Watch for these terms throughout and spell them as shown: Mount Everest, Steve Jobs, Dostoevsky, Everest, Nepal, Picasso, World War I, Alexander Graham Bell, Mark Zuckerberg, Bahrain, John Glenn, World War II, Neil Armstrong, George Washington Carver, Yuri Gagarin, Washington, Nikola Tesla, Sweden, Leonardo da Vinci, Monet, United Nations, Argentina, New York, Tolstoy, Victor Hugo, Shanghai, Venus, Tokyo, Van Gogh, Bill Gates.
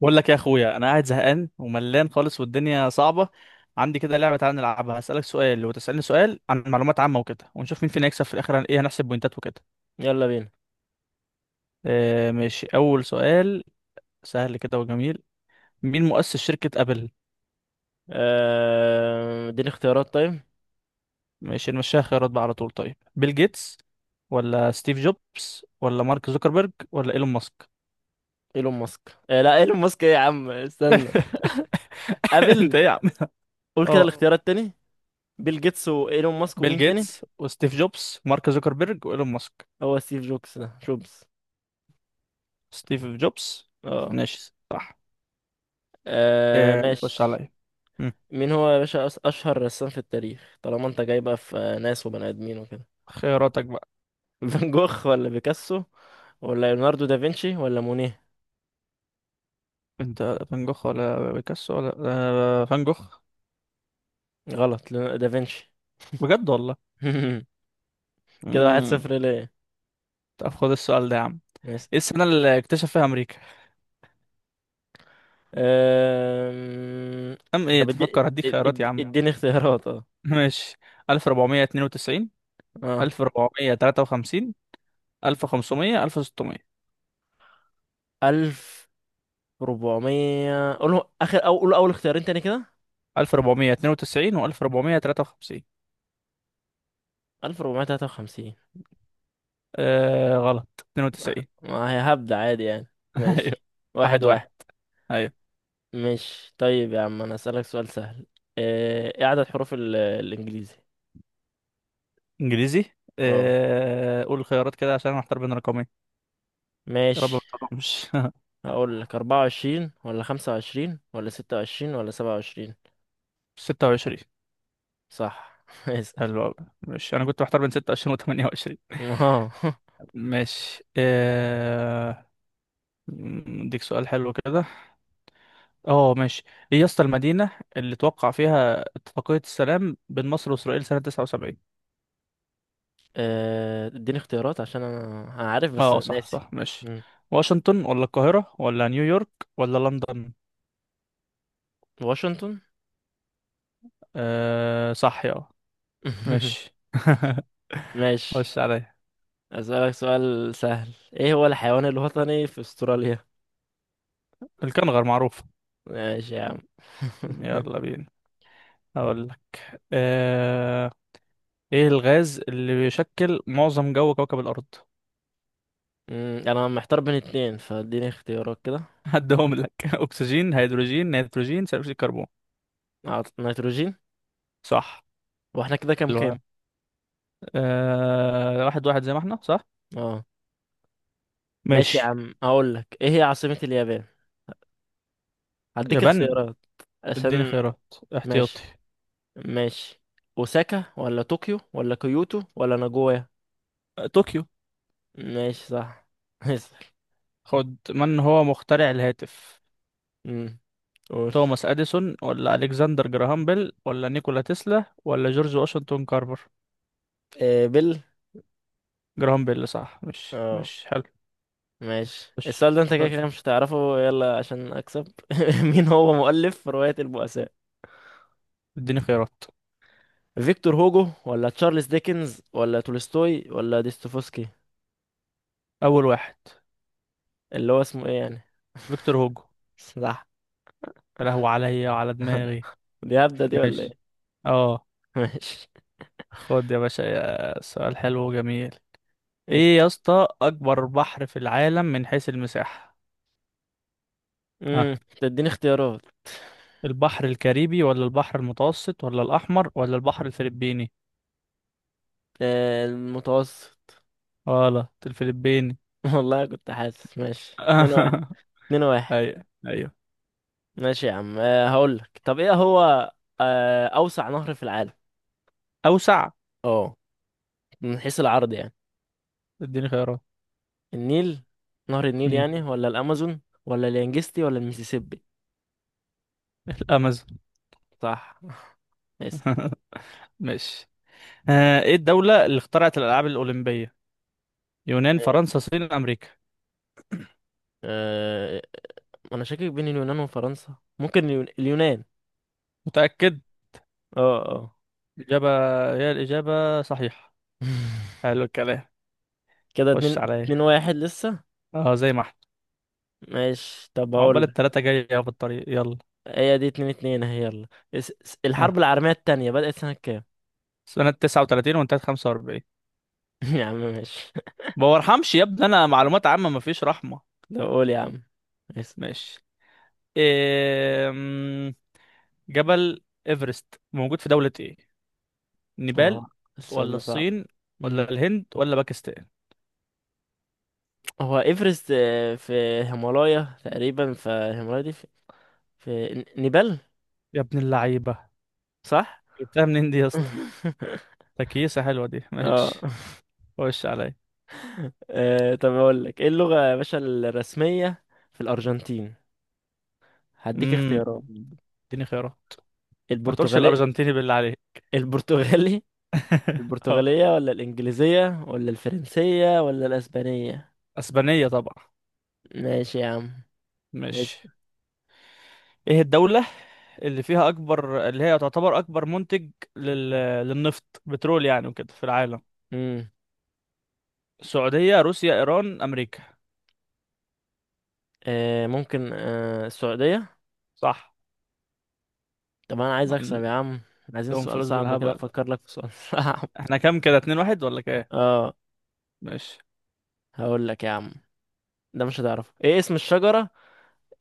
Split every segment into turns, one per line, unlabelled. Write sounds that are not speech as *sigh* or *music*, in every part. بقول لك يا اخويا، انا قاعد زهقان وملان خالص، والدنيا صعبه. عندي كده لعبه، تعالى نلعبها، هسالك سؤال وتسالني سؤال عن معلومات عامه وكده، ونشوف مين فينا يكسب في الاخر، عن ايه هنحسب بوينتات وكده.
يلا بينا.
آه ماشي، اول سؤال، سهل كده وجميل. مين مؤسس شركه ابل؟
اديني اختيارات طيب.
ماشي نمشيها خيارات بقى على طول. طيب، بيل جيتس ولا ستيف جوبز ولا مارك زوكربيرج ولا ايلون ماسك؟
ايلون ماسك، لا ايلون ماسك ايه يا عم استنى.
*laughs* انت
ابل.
ايه يا عم.
قول كده
اه،
الاختيارات تاني. بيل جيتس وايلون ماسك
بيل
ومين تاني؟
جيتس وستيف جوبز، مارك زوكربيرج وايلون ماسك.
هو ستيف جوبز ده جوبز؟
ستيف جوبز.
اه.
ماشي، صح. إيه، نخش
ماشي.
عليا. مم.
مين هو يا باشا اشهر رسام في التاريخ؟ طالما انت جاي بقى في ناس وبني ادمين وكده.
خياراتك بقى.
*laughs* فان جوخ ولا بيكاسو ولا ليوناردو دافنشي ولا مونيه؟
انت، فان جوخ ولا بيكاسو ولا، فان جوخ.
غلط، دافنشي.
بجد والله.
*laughs* كده واحد
امم
صفر ليه.
طب خد السؤال ده يا عم. ايه السنة اللي اكتشف فيها امريكا؟
أم...
ايه
طب
تفكر؟ هديك خيارات يا عم.
اديني اختيارات اه.
*laughs* ماشي، 1492،
اه،
1453، 1500، 1600.
1400؟ قوله اخر، او قول اول اختيارين تاني كده.
1492 و1453.
1453.
آه غلط،
ما
92.
ما هي هبدأ عادي يعني.
*laughs* ايوه.
ماشي،
واحد
واحد واحد.
واحد ايوه،
ماشي طيب يا عم انا اسألك سؤال سهل. ايه عدد حروف الانجليزي؟
انجليزي.
اه
آه، قول الخيارات كده عشان انا محتار بين رقمين. يا رب ما
ماشي،
تقومش.
هقول لك 24 ولا 25 ولا 26 ولا 27؟
26.
صح.
*laughs*
*laughs* اسأل.
حلو أوي. ماشي، أنا كنت محتار بين 26 و 28.
اه.
ماشي، أديك سؤال حلو كده. ماشي. إيه يا اسطى، المدينة اللي توقع فيها اتفاقية السلام بين مصر وإسرائيل سنة 79؟
اديني اختيارات عشان انا عارف
أه
بس
آه، صح
ناسي.
صح ماشي.
مم.
واشنطن ولا القاهرة ولا نيويورك ولا لندن؟
واشنطن.
صح، يا
*laughs*
ماشي. *laughs*
ماشي.
خش عليا.
اسألك سؤال سهل، ايه هو الحيوان الوطني في استراليا؟
الكنغر معروف.
ماشي يا عم.
يلا
*laughs*
بينا. هقول لك، آه، ايه الغاز اللي بيشكل معظم جو كوكب الارض؟
انا محتار بين اتنين، فاديني اختيارات كده.
*laughs* هدهم لك. *laughs* اكسجين، هيدروجين، نيتروجين، ثاني اكسيد الكربون.
نيتروجين.
صح.
واحنا كده كام كام؟
حلوة. واحد واحد زي ما احنا. صح،
اه. ماشي يا
ماشي.
عم، هقول لك ايه هي عاصمة اليابان. هديك
يابان.
اختيارات
اديني
عشان.
خيارات، احتياطي.
ماشي، ماشي. اوساكا ولا طوكيو ولا كيوتو ولا ناجويا؟
طوكيو.
ماشي، صح. *laughs*
خد، من هو مخترع الهاتف؟
امم، قول.
توماس اديسون ولا الكسندر جراهام بيل ولا نيكولا تسلا ولا جورج واشنطن كارفر؟
إيه، بيل.
جراهام بيل، صح. مش
اه
مش حلو.
ماشي،
مش
السؤال ده انت كده
طيب،
كده مش هتعرفه، يلا عشان اكسب. *laughs* مين هو مؤلف رواية البؤساء؟
اديني خيارات.
فيكتور هوجو ولا تشارلز ديكنز ولا تولستوي ولا ديستوفسكي؟
اول واحد.
اللي هو اسمه ايه يعني؟
فيكتور هوجو.
*laughs* صح.
يا لهوي عليا وعلى دماغي.
*laughs* دي هبدة دي ولا
ماشي،
ايه؟
اه.
*laughs* ماشي.
خد يا باشا، يا سؤال حلو وجميل.
اس-
ايه يا اسطى، اكبر بحر في العالم من حيث المساحة؟ ها،
امم، تديني اختيارات.
البحر الكاريبي ولا البحر المتوسط ولا الاحمر ولا البحر الفلبيني؟
المتوسط.
غلط، الفلبيني.
*laughs* والله كنت حاسس. ماشي، اتنين واحد.
*laughs*
اتنين واحد.
ايوه، ايوه.
ماشي يا عم. هقول لك، طب ايه هو اوسع نهر في العالم؟
اوسع.
اه، من حيث العرض يعني.
اديني خيارات.
النيل، نهر النيل
مم.
يعني، ولا الامازون ولا اليانجستي ولا الميسيسيبي؟
الامازون.
صح. *laughs* اسأل.
*laughs* ماشي، ايه الدولة اللي اخترعت الالعاب الاولمبية؟ يونان، فرنسا، الصين، امريكا.
أه... انا شاكك بين اليونان وفرنسا، ممكن اليونان.
متأكد؟
اه اه.
الإجابة، هي الإجابة صحيحة.
*laughs*
حلو الكلام.
كده
خش
اتنين.
عليا.
اتنين واحد لسه.
اه، زي ما احنا.
ماشي، طب
عقبال
هقول.
التلاتة، جاية اهو في الطريق. يلا.
هي دي اتنين اتنين اهي، يلا.
ها،
الحرب العالمية التانية بدأت سنة كام؟
سنة 39، وانتهت 45.
*laughs* يا عم ماشي.
ما برحمش يا ابني، أنا معلومات عامة مفيش رحمة.
ده قول يا عم. اسأل.
ماشي. إيه... مم، جبل إيفرست موجود في دولة إيه؟ نيبال
اه، السؤال
ولا
ده صعب.
الصين ولا الهند ولا باكستان؟
هو ايفرست في هيمالايا تقريبا، فالهيمالايا دي في, في نيبال.
يا ابن اللعيبة،
صح.
جبتها منين دي يا اسطى؟
*laughs*
تكيسة حلوة دي،
اه.
ماشي. خش عليا.
طب اقول لك ايه اللغة يا باشا الرسمية في الارجنتين؟ هديك
امم
اختيارات.
اديني خيارات. ما تقولش
البرتغالي.
الأرجنتيني بالله عليك.
البرتغالي.
*laughs* اه،
البرتغالية ولا الانجليزية ولا الفرنسية ولا الاسبانية؟
أسبانية طبعا.
ماشي يا عم. بس
ماشي. ايه الدولة اللي فيها اكبر، اللي هي تعتبر اكبر منتج لل... للنفط، بترول يعني، وكده، في العالم؟
امم.
السعودية، روسيا، ايران، امريكا.
آه ممكن، آه السعودية.
صح.
طب انا عايز اكسب يا
عندهم
عم. عايزين سؤال
فلوس
صعب كده،
بالهبل.
افكر لك في سؤال *laughs* صعب.
احنا كام كده، 2-1 ولا كام؟
اه،
ماشي.
هقول لك يا عم، ده مش هتعرفه. ايه اسم الشجرة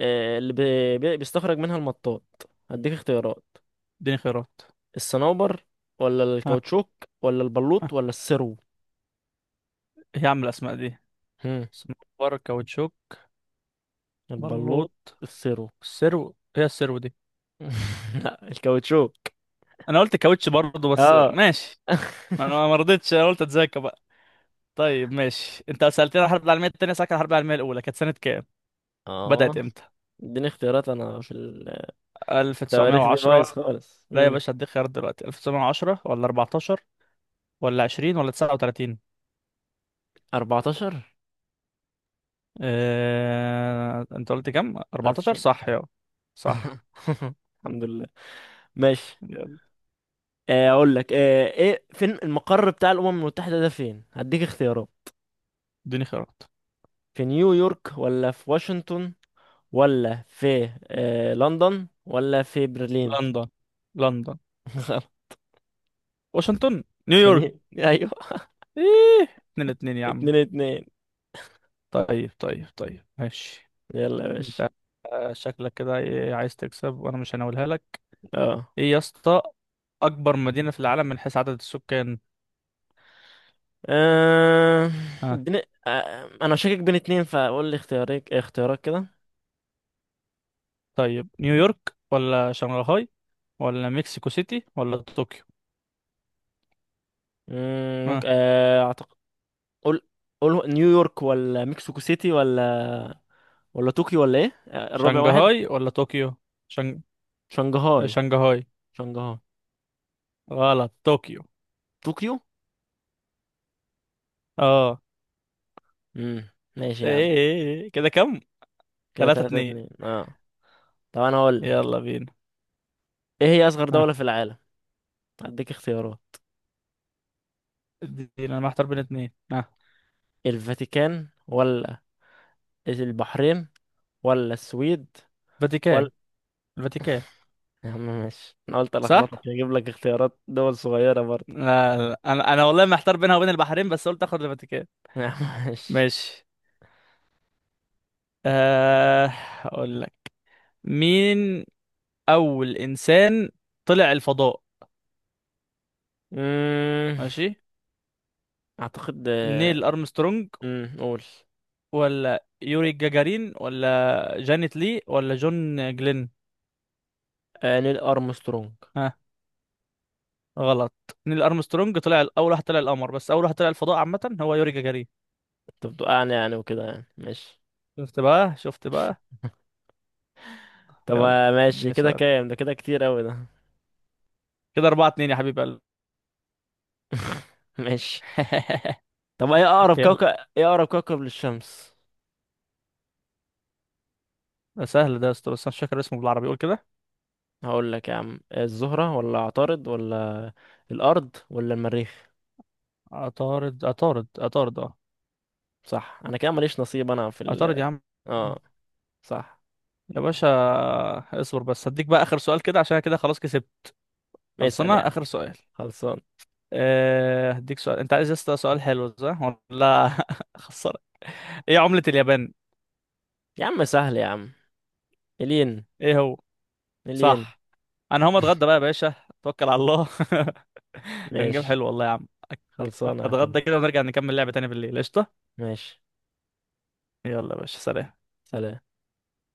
اللي بيستخرج منها المطاط؟ هديك اختيارات.
اديني خيارات.
الصنوبر ولا
ها.
الكاوتشوك ولا
ها،
البلوط ولا السرو؟
ايه يا عم الاسماء دي؟
هم.
سمبار، كاوتشوك،
البلوط.
بلوط،
السرو.
السرو. هي السرو دي؟
*laughs* لا، الكاوتشوك.
انا قلت كاوتش برضه بس
اه.
ماشي.
*laughs*
ما انا ما رضيتش، انا قلت اتذاكى بقى. طيب ماشي، انت سألتني عن الحرب العالمية التانية، سألتك عن الحرب العالمية الاولى كانت سنة كام؟
اه،
بدأت امتى؟
اديني اختيارات. انا في التواريخ دي بايظ
1910.
خالص.
لا يا
امم،
باشا هديك خيار دلوقتي، 1910 ولا 14 ولا 20 ولا 39؟
14.
انت قلت كام،
ألف
14
سنة.
صح؟ يا صح.
*laughs* الحمد لله. ماشي.
يلا،
اقول لك، ايه فين المقر بتاع الامم المتحدة ده فين؟ هديك اختيارات.
اديني خيارات.
في نيويورك ولا في واشنطن ولا في لندن ولا في برلين؟
لندن. لندن.
*laughs* غلط.
واشنطن، نيويورك.
ايوه،
ايه، 2-2 يا عم.
اتنين اتنين.
طيب طيب طيب ماشي.
يلا يا باشا.
انت، شكلك كده ايه، عايز تكسب وانا مش هناولها لك.
اه.
ايه يا اسطى، اكبر مدينة في العالم من حيث عدد السكان؟
آه،
آه،
بن... آه، انا شاكك بين اتنين، فقول لي اختيارك اختيارك كده.
طيب، نيويورك ولا شنغهاي ولا مكسيكو سيتي ولا طوكيو؟ اه.
ممكن اعتقد. قول. قول نيويورك ولا مكسيكو سيتي ولا ولا طوكيو ولا ايه، الرابع واحد.
شنغهاي ولا طوكيو؟ شنغ...
شنغهاي.
شنغهاي.
شنغهاي.
غلط، طوكيو.
طوكيو.
اه.
امم. ماشي
ايه
يا عم.
إيه. كده كم؟
كده
تلاتة
تلاتة
اتنين
اتنين، اه. طب انا هقول،
يلا بينا.
ايه هي اصغر
ها.
دولة في العالم؟ هديك اختيارات.
ادينا، انا محتار بين اتنين. ها.
الفاتيكان ولا البحرين ولا السويد
فاتيكان.
ولا.
الفاتيكان.
يا عم ماشي، انا قلت
صح.
الخبطك هجيب لك اختيارات دول صغيرة برضه.
لا, لا. انا والله محتار بينها وبين البحرين، بس قلت اخد الفاتيكان.
*laughs* يا عم ماشي.
ماشي. آه اقول لك، مين اول انسان طلع الفضاء؟
امم.
ماشي.
اعتقد.
نيل ارمسترونج
امم، قول.
ولا يوري جاجارين ولا جانيت لي ولا جون جلين؟
نيل ارمسترونج.
ها. غلط. نيل ارمسترونج طلع اول واحد طلع القمر، بس اول واحد طلع الفضاء عامه هو يوري جاجارين.
انت بتوقعني يعني يعني وكده يعني، ماشي.
شفت بقى، شفت بقى.
طب
يلا،
ماشي
اديني
كده
سؤال.
كام ده، كده كتير اوي ده.
كده 4-2 يا حبيب قلبي.
*laughs* ماشي.
*laughs*
طب ايه اقرب
يلا.
كوكب. ايه اقرب كوكب للشمس؟
ده سهل ده يا اسطى، بس أنا مش فاكر اسمه بالعربي، قول كده.
هقول لك يا عم، الزهرة ولا عطارد ولا الأرض ولا المريخ؟
عطارد، عطارد، عطارد. اه،
صح. أنا كده ماليش نصيب، أنا في
عطارد
ال.
يا عم.
اه صح.
يا باشا، اصبر بس هديك بقى آخر سؤال، كده عشان كده خلاص كسبت.
اسأل يا
خلصنا.
عم.
آخر سؤال.
خلصان.
هديك سؤال، انت عايز يا اسطى سؤال حلو، صح؟ ولا *laughs* خسر. ايه عملة اليابان؟
يا عم سهل يا عم، الين.
ايه هو،
الين.
صح. انا هقوم اتغدى بقى
*laughs*
يا باشا. توكل على الله. *laughs* كان جيم
ماشي.
حلو والله يا عم.
خلصانة يا أخوي.
اتغدى كده ونرجع نكمل لعبة تاني بالليل، قشطة.
ماشي،
يلا يا باشا، سلام.
سلام.